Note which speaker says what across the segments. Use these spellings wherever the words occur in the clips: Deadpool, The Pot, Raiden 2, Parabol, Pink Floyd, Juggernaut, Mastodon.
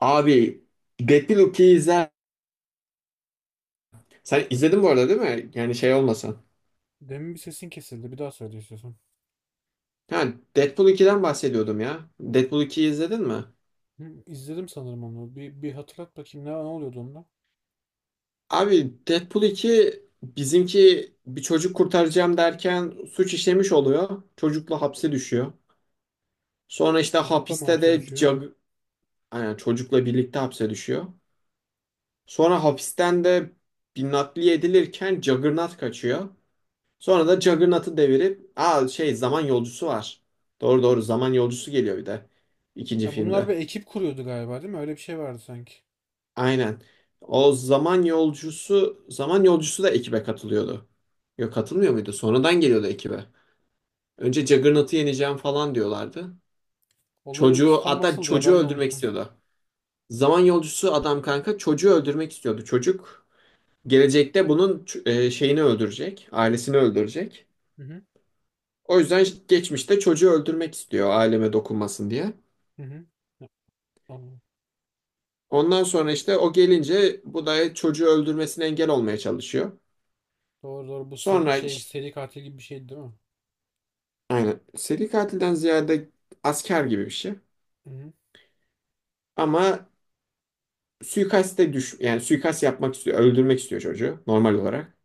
Speaker 1: Abi Deadpool 2'yi izler. Sen izledin bu arada değil mi? Yani şey olmasın.
Speaker 2: Demin bir sesin kesildi. Bir daha söyle istiyorsan.
Speaker 1: Ha, Deadpool 2'den bahsediyordum ya. Deadpool 2'yi izledin mi?
Speaker 2: Hı, izledim sanırım onu. Bir hatırlat bakayım ne oluyordu onda.
Speaker 1: Abi Deadpool 2 bizimki bir çocuk kurtaracağım derken suç işlemiş oluyor. Çocukla hapse düşüyor. Sonra işte
Speaker 2: Çocukla mı
Speaker 1: hapiste
Speaker 2: hapse
Speaker 1: de
Speaker 2: düşüyor?
Speaker 1: yani çocukla birlikte hapse düşüyor. Sonra hapisten de bir nakliye edilirken Juggernaut kaçıyor. Sonra da Juggernaut'u devirip şey zaman yolcusu var. Doğru doğru zaman yolcusu geliyor bir de ikinci
Speaker 2: Ya bunlar
Speaker 1: filmde.
Speaker 2: bir ekip kuruyordu galiba değil mi? Öyle bir şey vardı sanki.
Speaker 1: Aynen. O zaman yolcusu da ekibe katılıyordu. Yok katılmıyor muydu? Sonradan geliyordu ekibe. Önce Juggernaut'u yeneceğim falan diyorlardı.
Speaker 2: Olay örgüsü
Speaker 1: Çocuğu,
Speaker 2: tam
Speaker 1: hatta
Speaker 2: nasıldı ya
Speaker 1: çocuğu
Speaker 2: ben de
Speaker 1: öldürmek
Speaker 2: unuttum.
Speaker 1: istiyordu. Zaman yolcusu adam kanka çocuğu öldürmek istiyordu. Çocuk gelecekte bunun şeyini öldürecek, ailesini öldürecek.
Speaker 2: Hı hı.
Speaker 1: O yüzden geçmişte çocuğu öldürmek istiyor aileme dokunmasın diye.
Speaker 2: Hı hı. Ya, anladım.
Speaker 1: Ondan sonra işte o gelince bu da çocuğu öldürmesine engel olmaya çalışıyor.
Speaker 2: Doğru doğru bu seri,
Speaker 1: Sonra işte
Speaker 2: seri katil gibi bir şeydi değil mi?
Speaker 1: aynen seri katilden ziyade asker gibi bir şey.
Speaker 2: Hı hı.
Speaker 1: Ama suikaste düş yani suikast yapmak istiyor, öldürmek istiyor çocuğu normal olarak.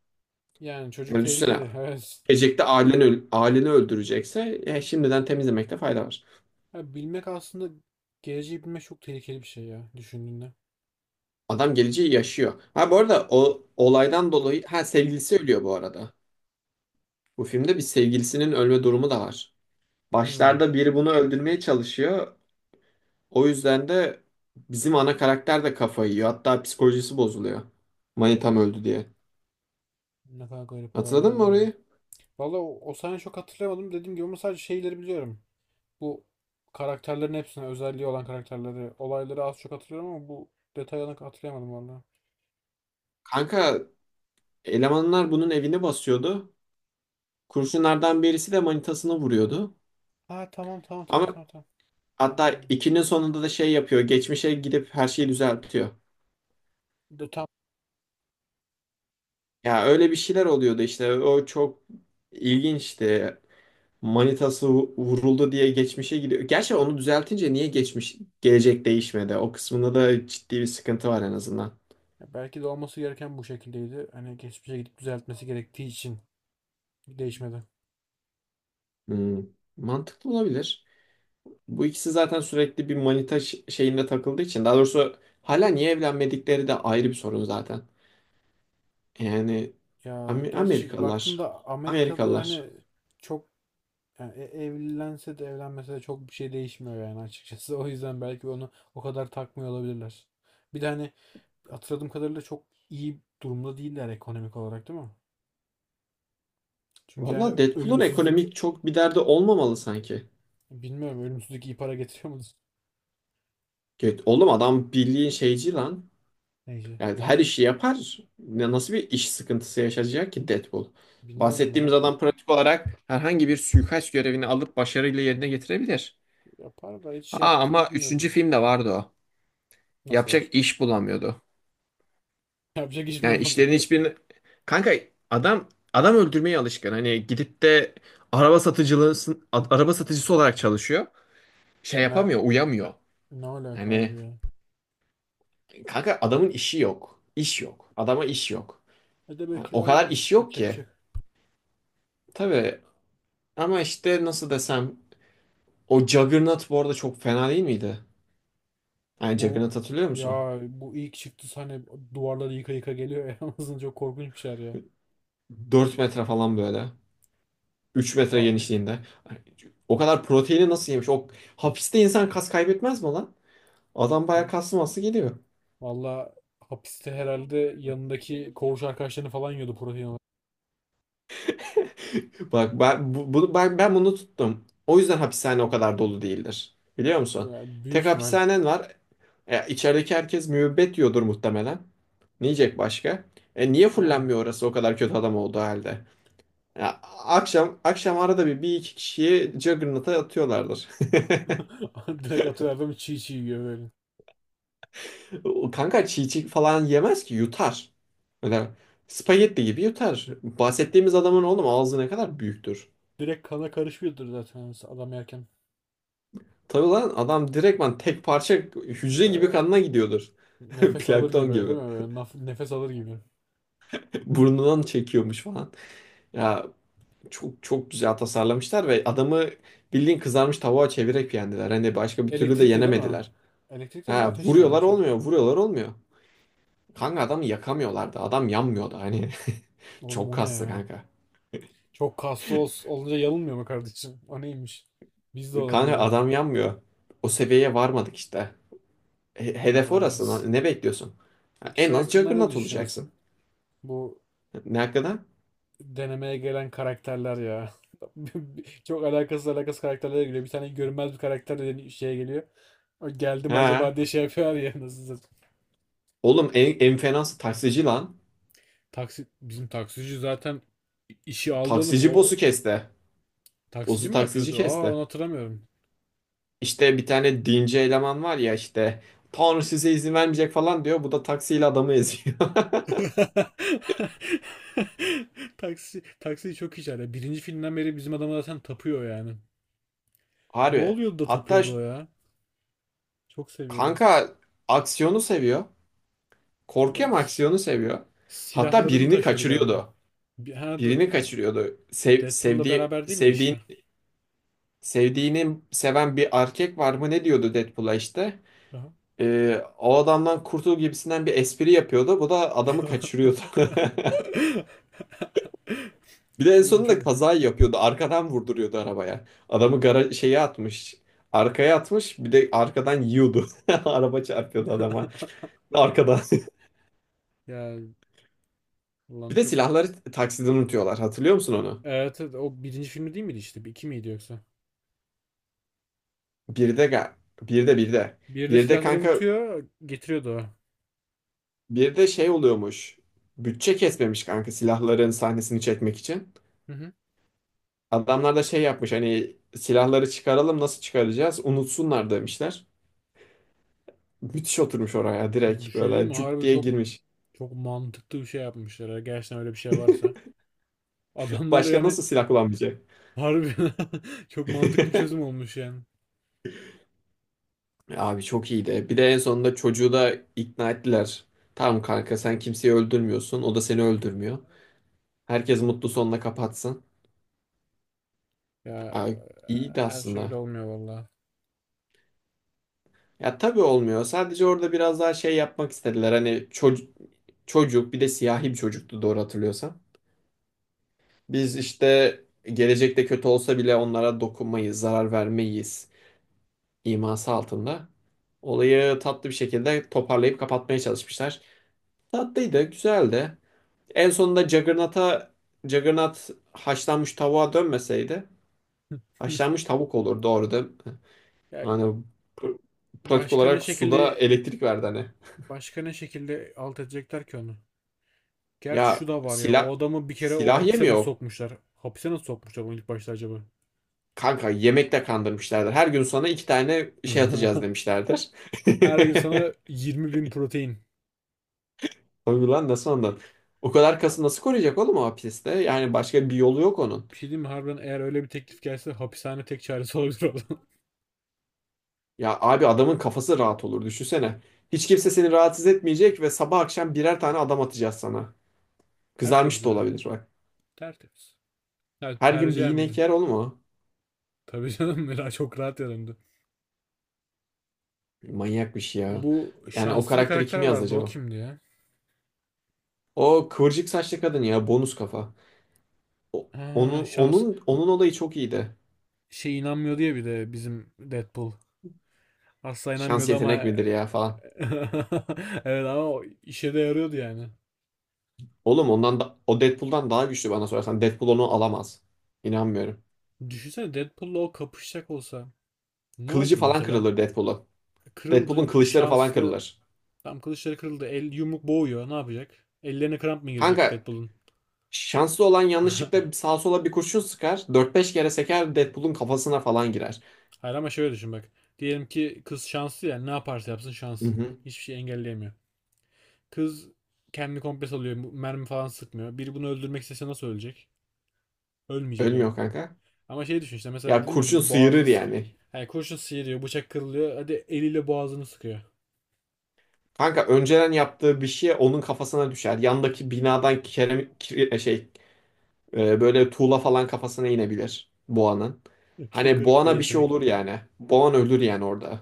Speaker 2: Yani çocuk
Speaker 1: Yani düşünsene
Speaker 2: tehlikeli. Evet.
Speaker 1: gelecekte aileni öldürecekse şimdiden temizlemekte fayda var.
Speaker 2: Ya bilmek aslında geleceği bilmek çok tehlikeli bir şey ya düşündüğünde.
Speaker 1: Adam geleceği yaşıyor. Ha, bu arada o olaydan dolayı ha sevgilisi ölüyor bu arada. Bu filmde bir sevgilisinin ölme durumu da var.
Speaker 2: Hmm.
Speaker 1: Başlarda biri bunu öldürmeye çalışıyor. O yüzden de bizim ana karakter de kafayı yiyor. Hatta psikolojisi bozuluyor. Manitam öldü diye.
Speaker 2: Ne kadar garip olaylar
Speaker 1: Hatırladın mı
Speaker 2: oluyor ya.
Speaker 1: orayı?
Speaker 2: Valla o sahneyi çok hatırlayamadım. Dediğim gibi ama sadece şeyleri biliyorum. Bu karakterlerin hepsine özelliği olan karakterleri, olayları az çok hatırlıyorum ama bu detayını hatırlayamadım vallahi.
Speaker 1: Kanka elemanlar bunun evini basıyordu. Kurşunlardan birisi de manitasını vuruyordu.
Speaker 2: Ha, tamam tamam tamam
Speaker 1: Ama
Speaker 2: tamam tamam. Anladım
Speaker 1: hatta
Speaker 2: anladım.
Speaker 1: ikinin sonunda da şey yapıyor. Geçmişe gidip her şeyi düzeltiyor.
Speaker 2: De, tam,
Speaker 1: Ya öyle bir şeyler oluyordu işte. O çok ilginçti. Manitası vuruldu diye geçmişe gidiyor. Gerçi onu düzeltince niye geçmiş gelecek değişmedi? O kısmında da ciddi bir sıkıntı var en azından.
Speaker 2: ya belki de olması gereken bu şekildeydi. Hani geçmişe gidip düzeltmesi gerektiği için değişmedi.
Speaker 1: Hmm, Mantıklı olabilir. Bu ikisi zaten sürekli bir manita şeyinde takıldığı için. Daha doğrusu hala niye evlenmedikleri de ayrı bir sorun zaten. Yani
Speaker 2: Ya
Speaker 1: Am-
Speaker 2: gerçi
Speaker 1: Amerikalılar.
Speaker 2: baktığında Amerika'da
Speaker 1: Amerikalılar.
Speaker 2: hani çok yani evlense de evlenmese de çok bir şey değişmiyor yani açıkçası. O yüzden belki onu o kadar takmıyor olabilirler. Bir de hani hatırladığım kadarıyla çok iyi durumda değiller ekonomik olarak değil mi? Çünkü yani
Speaker 1: Valla Deadpool'un
Speaker 2: ölümsüzlük,
Speaker 1: ekonomik çok bir derdi olmamalı sanki.
Speaker 2: bilmiyorum, ölümsüzlük iyi para getiriyor mu?
Speaker 1: Evet, oğlum adam bildiğin şeyci lan.
Speaker 2: Neyse.
Speaker 1: Yani her işi yapar. Nasıl bir iş sıkıntısı yaşayacak ki Deadpool?
Speaker 2: Bilmiyorum
Speaker 1: Bahsettiğimiz
Speaker 2: ya.
Speaker 1: adam pratik olarak herhangi bir suikast görevini alıp başarıyla yerine getirebilir.
Speaker 2: Yapar da hiç yaptığını
Speaker 1: Ama üçüncü
Speaker 2: bilmiyoruz.
Speaker 1: filmde vardı o.
Speaker 2: Nasıl var?
Speaker 1: Yapacak iş bulamıyordu.
Speaker 2: Yapacak iş mi
Speaker 1: Yani
Speaker 2: bulamıyor?
Speaker 1: işlerin hiçbirini... Kanka adam öldürmeye alışkın. Hani gidip de araba satıcılığı araba satıcısı olarak çalışıyor. Şey
Speaker 2: Ne
Speaker 1: yapamıyor, uyamıyor.
Speaker 2: ne alaka abi
Speaker 1: Hani
Speaker 2: ya?
Speaker 1: kanka adamın işi yok. İş yok. Adama iş yok.
Speaker 2: E de
Speaker 1: Yani
Speaker 2: belki
Speaker 1: o
Speaker 2: lazım
Speaker 1: kadar
Speaker 2: işte.
Speaker 1: iş yok
Speaker 2: Yapacak bir
Speaker 1: ki.
Speaker 2: şey yok.
Speaker 1: Tabii ama işte nasıl desem o Juggernaut bu arada çok fena değil miydi? Yani
Speaker 2: Bu,
Speaker 1: Juggernaut hatırlıyor musun?
Speaker 2: ya bu ilk çıktı sahne, duvarları yıka yıka geliyor ya. Aslında çok korkunç bir şeyler ya.
Speaker 1: 4 metre falan böyle. 3 metre
Speaker 2: Va-
Speaker 1: genişliğinde. Ay, o kadar proteini nasıl yemiş? O hapiste insan kas kaybetmez mi lan? Adam bayağı kaslı masası geliyor.
Speaker 2: Valla hapiste herhalde yanındaki koğuş arkadaşlarını falan yiyordu protein olarak.
Speaker 1: Bak ben bu- bunu ben, ben bunu tuttum. O yüzden hapishane o kadar dolu değildir. Biliyor musun?
Speaker 2: Ya büyük
Speaker 1: Tek
Speaker 2: ihtimal.
Speaker 1: hapishanen var. İçerideki herkes müebbet yiyordur muhtemelen. Ne yiyecek başka? Niye
Speaker 2: Yani
Speaker 1: fullenmiyor orası o kadar kötü adam olduğu halde? Ya, akşam akşam arada bir iki kişiyi Juggernaut'a atıyorlardır.
Speaker 2: direkt atıyor adam çiğ çiğ yiyor böyle.
Speaker 1: O kanka çiğ çiğ falan yemez ki yutar. Öyle spagetti gibi yutar. Bahsettiğimiz adamın oğlum ağzı ne kadar büyüktür.
Speaker 2: Direkt kana karışıyordur zaten adam yerken.
Speaker 1: Tabii lan adam direktman tek parça hücre gibi
Speaker 2: Böyle
Speaker 1: kanına gidiyordur.
Speaker 2: nefes alır
Speaker 1: Plankton
Speaker 2: gibi değil
Speaker 1: gibi.
Speaker 2: mi? Böyle nefes alır gibi.
Speaker 1: Burnundan çekiyormuş falan. Ya çok çok güzel tasarlamışlar ve adamı bildiğin kızarmış tavuğa çevirerek yendiler. Hani başka bir türlü de
Speaker 2: Elektrikli değil mi?
Speaker 1: yenemediler.
Speaker 2: Elektrikle mi
Speaker 1: Ha,
Speaker 2: ateşle mi
Speaker 1: vuruyorlar
Speaker 2: yapmışlar?
Speaker 1: olmuyor, vuruyorlar olmuyor. Kanka adamı yakamıyorlardı. Adam yanmıyordu hani.
Speaker 2: Oğlum
Speaker 1: Çok
Speaker 2: o ne
Speaker 1: kaslı
Speaker 2: ya?
Speaker 1: kanka.
Speaker 2: Çok kaslı olunca yanılmıyor mu kardeşim? O neymiş? Biz de olalım
Speaker 1: Kanka
Speaker 2: öyle.
Speaker 1: adam yanmıyor. O seviyeye varmadık işte. He-
Speaker 2: Allah
Speaker 1: Hedef orası,
Speaker 2: varacağız.
Speaker 1: lan. Ne bekliyorsun? Ya
Speaker 2: Peki
Speaker 1: en
Speaker 2: şey
Speaker 1: az
Speaker 2: hakkında ne
Speaker 1: Juggernaut olacaksın.
Speaker 2: düşünüyorsun? Bu
Speaker 1: Ne hakkında?
Speaker 2: denemeye gelen karakterler ya. Çok alakasız alakasız karakterlere geliyor. Bir tane görünmez bir karakter de şeye geliyor. O geldim
Speaker 1: Ha.
Speaker 2: acaba diye şey yapıyor ya nasıl.
Speaker 1: Oğlum en fenası taksici lan.
Speaker 2: Taksi, bizim taksici zaten İşi aldı oğlum.
Speaker 1: Taksici
Speaker 2: O
Speaker 1: boss'u kesti.
Speaker 2: taksici
Speaker 1: Boss'u
Speaker 2: mi
Speaker 1: taksici
Speaker 2: yapıyordu? Aa,
Speaker 1: kesti.
Speaker 2: onu hatırlamıyorum.
Speaker 1: İşte bir tane dinci eleman var ya işte. Tanrı size izin vermeyecek falan diyor. Bu da taksiyle adamı eziyor.
Speaker 2: Taksi taksi çok iyi çağırıyor. Birinci filmden beri bizim adamı zaten tapıyor yani. Ne
Speaker 1: Harbi.
Speaker 2: oluyordu da
Speaker 1: Hatta
Speaker 2: tapıyordu o ya? Çok seviyordu.
Speaker 1: kanka aksiyonu seviyor. Korkuyor ama
Speaker 2: Olabilir.
Speaker 1: aksiyonu seviyor. Hatta
Speaker 2: Silahlarını
Speaker 1: birini
Speaker 2: taşıyordu galiba.
Speaker 1: kaçırıyordu.
Speaker 2: Bir,
Speaker 1: Birini kaçırıyordu. Sev,
Speaker 2: Deadpool'la
Speaker 1: sevdiği
Speaker 2: beraber değil miydi
Speaker 1: sevdiğini
Speaker 2: işte?
Speaker 1: sevdiğini seven bir erkek var mı ne diyordu Deadpool'a işte.
Speaker 2: Aha.
Speaker 1: O adamdan kurtul gibisinden bir espri yapıyordu. Bu da adamı kaçırıyordu. Bir de en
Speaker 2: Oğlum
Speaker 1: sonunda
Speaker 2: çok,
Speaker 1: kaza yapıyordu. Arkadan vurduruyordu arabaya. Adamı gara şeye atmış. Arkaya atmış. Bir de arkadan yiyordu. Araba çarpıyordu adama. Arkadan.
Speaker 2: ya
Speaker 1: Bir
Speaker 2: ulan
Speaker 1: de
Speaker 2: çok,
Speaker 1: silahları taksiden unutuyorlar. Hatırlıyor musun onu?
Speaker 2: evet, evet, o birinci filmi değil miydi işte? İki miydi yoksa?
Speaker 1: Bir de ga- bir de bir de.
Speaker 2: Bir de
Speaker 1: Bir de
Speaker 2: silahları
Speaker 1: kanka,
Speaker 2: unutuyor, getiriyordu o.
Speaker 1: bir de şey oluyormuş. Bütçe kesmemiş kanka silahların sahnesini çekmek için.
Speaker 2: Hı hı.
Speaker 1: Adamlar da şey yapmış hani silahları çıkaralım nasıl çıkaracağız? Unutsunlar demişler. Müthiş oturmuş oraya
Speaker 2: Bir
Speaker 1: direkt
Speaker 2: şey diyeyim
Speaker 1: böyle
Speaker 2: mi?
Speaker 1: cuk
Speaker 2: Harbi
Speaker 1: diye
Speaker 2: çok,
Speaker 1: girmiş.
Speaker 2: çok mantıklı bir şey yapmışlar, ha. Gerçekten öyle bir şey varsa. Adamlar
Speaker 1: Başka
Speaker 2: yani
Speaker 1: nasıl silah kullanmayacak?
Speaker 2: harbi çok mantıklı bir çözüm olmuş yani.
Speaker 1: Abi çok iyiydi. Bir de en sonunda çocuğu da ikna ettiler. Tamam kanka sen kimseyi öldürmüyorsun. O da seni öldürmüyor. Herkes mutlu sonla kapatsın.
Speaker 2: Ya
Speaker 1: Abi, iyiydi
Speaker 2: her şey
Speaker 1: aslında.
Speaker 2: öyle olmuyor valla.
Speaker 1: Ya tabii olmuyor. Sadece orada biraz daha şey yapmak istediler. Hani çocuk bir de siyahi bir çocuktu doğru hatırlıyorsam. Biz işte gelecekte kötü olsa bile onlara dokunmayız, zarar vermeyiz iması altında. Olayı tatlı bir şekilde toparlayıp kapatmaya çalışmışlar. Tatlıydı, güzeldi. En sonunda Juggernaut haşlanmış tavuğa dönmeseydi haşlanmış tavuk olurdu orada.
Speaker 2: Ya
Speaker 1: Hani pr- pratik
Speaker 2: başka ne
Speaker 1: olarak suda
Speaker 2: şekilde,
Speaker 1: elektrik verdi hani.
Speaker 2: başka ne şekilde alt edecekler ki onu? Gerçi şu
Speaker 1: Ya
Speaker 2: da var ya.
Speaker 1: silah
Speaker 2: O adamı bir kere o
Speaker 1: silah
Speaker 2: hapise nasıl
Speaker 1: yemiyor.
Speaker 2: sokmuşlar? Hapise nasıl sokmuşlar onu ilk başta acaba?
Speaker 1: Kanka yemekte kandırmışlardır. Her gün sana iki tane şey atacağız demişlerdir.
Speaker 2: Her gün sana 20 bin protein.
Speaker 1: Tabii lan nasıl ondan? O kadar kası nasıl koruyacak oğlum o hapiste? Yani başka bir yolu yok onun.
Speaker 2: Bir şey diyeyim mi? Harbiden eğer öyle bir teklif gelse hapishane tek çaresi olabilir oğlum.
Speaker 1: Ya abi adamın kafası rahat olur düşünsene. Hiç kimse seni rahatsız etmeyecek ve sabah akşam birer tane adam atacağız sana. Kızarmış
Speaker 2: Tertemiz
Speaker 1: da
Speaker 2: abi.
Speaker 1: olabilir bak.
Speaker 2: Tertemiz. Yani
Speaker 1: Her gün bir
Speaker 2: tercihen bir de.
Speaker 1: inek yer oğlum o.
Speaker 2: Tabii canım. Mela çok rahat yanımda.
Speaker 1: Manyak bir şey ya.
Speaker 2: Bu
Speaker 1: Yani o
Speaker 2: şanslı bir
Speaker 1: karakteri
Speaker 2: karakter
Speaker 1: kim yazdı
Speaker 2: vardı, o
Speaker 1: acaba?
Speaker 2: kimdi ya?
Speaker 1: O kıvırcık saçlı kadın ya bonus kafa. O-
Speaker 2: Ha,
Speaker 1: Onun
Speaker 2: şans.
Speaker 1: onun onun olayı çok iyiydi.
Speaker 2: Şey, inanmıyor diye bir de bizim Deadpool. Asla
Speaker 1: Şans
Speaker 2: inanmıyordu
Speaker 1: yetenek
Speaker 2: ama
Speaker 1: midir ya falan.
Speaker 2: evet ama o işe de yarıyordu yani.
Speaker 1: Oğlum ondan da o Deadpool'dan daha güçlü bana sorarsan. Deadpool onu alamaz. İnanmıyorum.
Speaker 2: Düşünsene Deadpool'la o kapışacak olsa ne
Speaker 1: Kılıcı
Speaker 2: olur
Speaker 1: falan
Speaker 2: mesela?
Speaker 1: kırılır Deadpool'un.
Speaker 2: Kırıldı
Speaker 1: Deadpool'un kılıçları falan
Speaker 2: şanslı.
Speaker 1: kırılır.
Speaker 2: Tam kılıçları kırıldı. El yumruk boğuyor. Ne yapacak? Ellerine kramp mı girecek
Speaker 1: Kanka
Speaker 2: Deadpool'un?
Speaker 1: şanslı olan yanlışlıkla sağa sola bir kurşun sıkar. Dört beş kere seker Deadpool'un kafasına falan girer.
Speaker 2: Hayır ama şöyle düşün bak. Diyelim ki kız şanslı ya. Ne yaparsa yapsın
Speaker 1: Hı
Speaker 2: şanslı.
Speaker 1: hı.
Speaker 2: Hiçbir şey engelleyemiyor. Kız kendini komple salıyor. Mermi falan sıkmıyor. Biri bunu öldürmek istese nasıl ölecek? Ölmeyecek herhalde.
Speaker 1: Ölmüyor kanka.
Speaker 2: Ama şey düşün işte, mesela
Speaker 1: Ya
Speaker 2: dedim ya,
Speaker 1: kurşun
Speaker 2: boğazını
Speaker 1: sıyırır
Speaker 2: sıkıyor.
Speaker 1: yani.
Speaker 2: Yani kurşun sıyırıyor, bıçak kırılıyor. Hadi eliyle boğazını sıkıyor.
Speaker 1: Kanka önceden yaptığı bir şey onun kafasına düşer. Yandaki binadan kerem, kire- şey böyle tuğla falan kafasına inebilir boğanın.
Speaker 2: Çok
Speaker 1: Hani
Speaker 2: garip bir
Speaker 1: boğana bir şey
Speaker 2: yetenek.
Speaker 1: olur yani. Boğan ölür yani orada.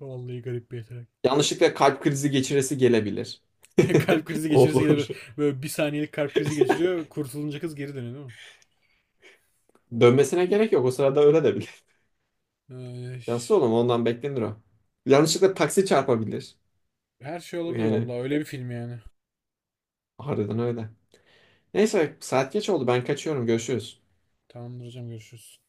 Speaker 2: Vallahi garip bir yetenek.
Speaker 1: Yanlışlıkla kalp krizi geçiresi gelebilir.
Speaker 2: Kalp krizi geçirirse gene
Speaker 1: Olur.
Speaker 2: böyle, böyle bir saniyelik kalp krizi geçiriyor. Kurtulunca kız geri dönüyor değil mi?
Speaker 1: Dönmesine gerek yok. O sırada öyle de bilir.
Speaker 2: Ay,
Speaker 1: Yansız oğlum ondan beklenir o. Yanlışlıkla taksi çarpabilir.
Speaker 2: her şey olabilir
Speaker 1: Yani
Speaker 2: vallahi, öyle bir film yani.
Speaker 1: harbiden öyle. Neyse saat geç oldu. Ben kaçıyorum. Görüşürüz.
Speaker 2: Tamamdır hocam, görüşürüz.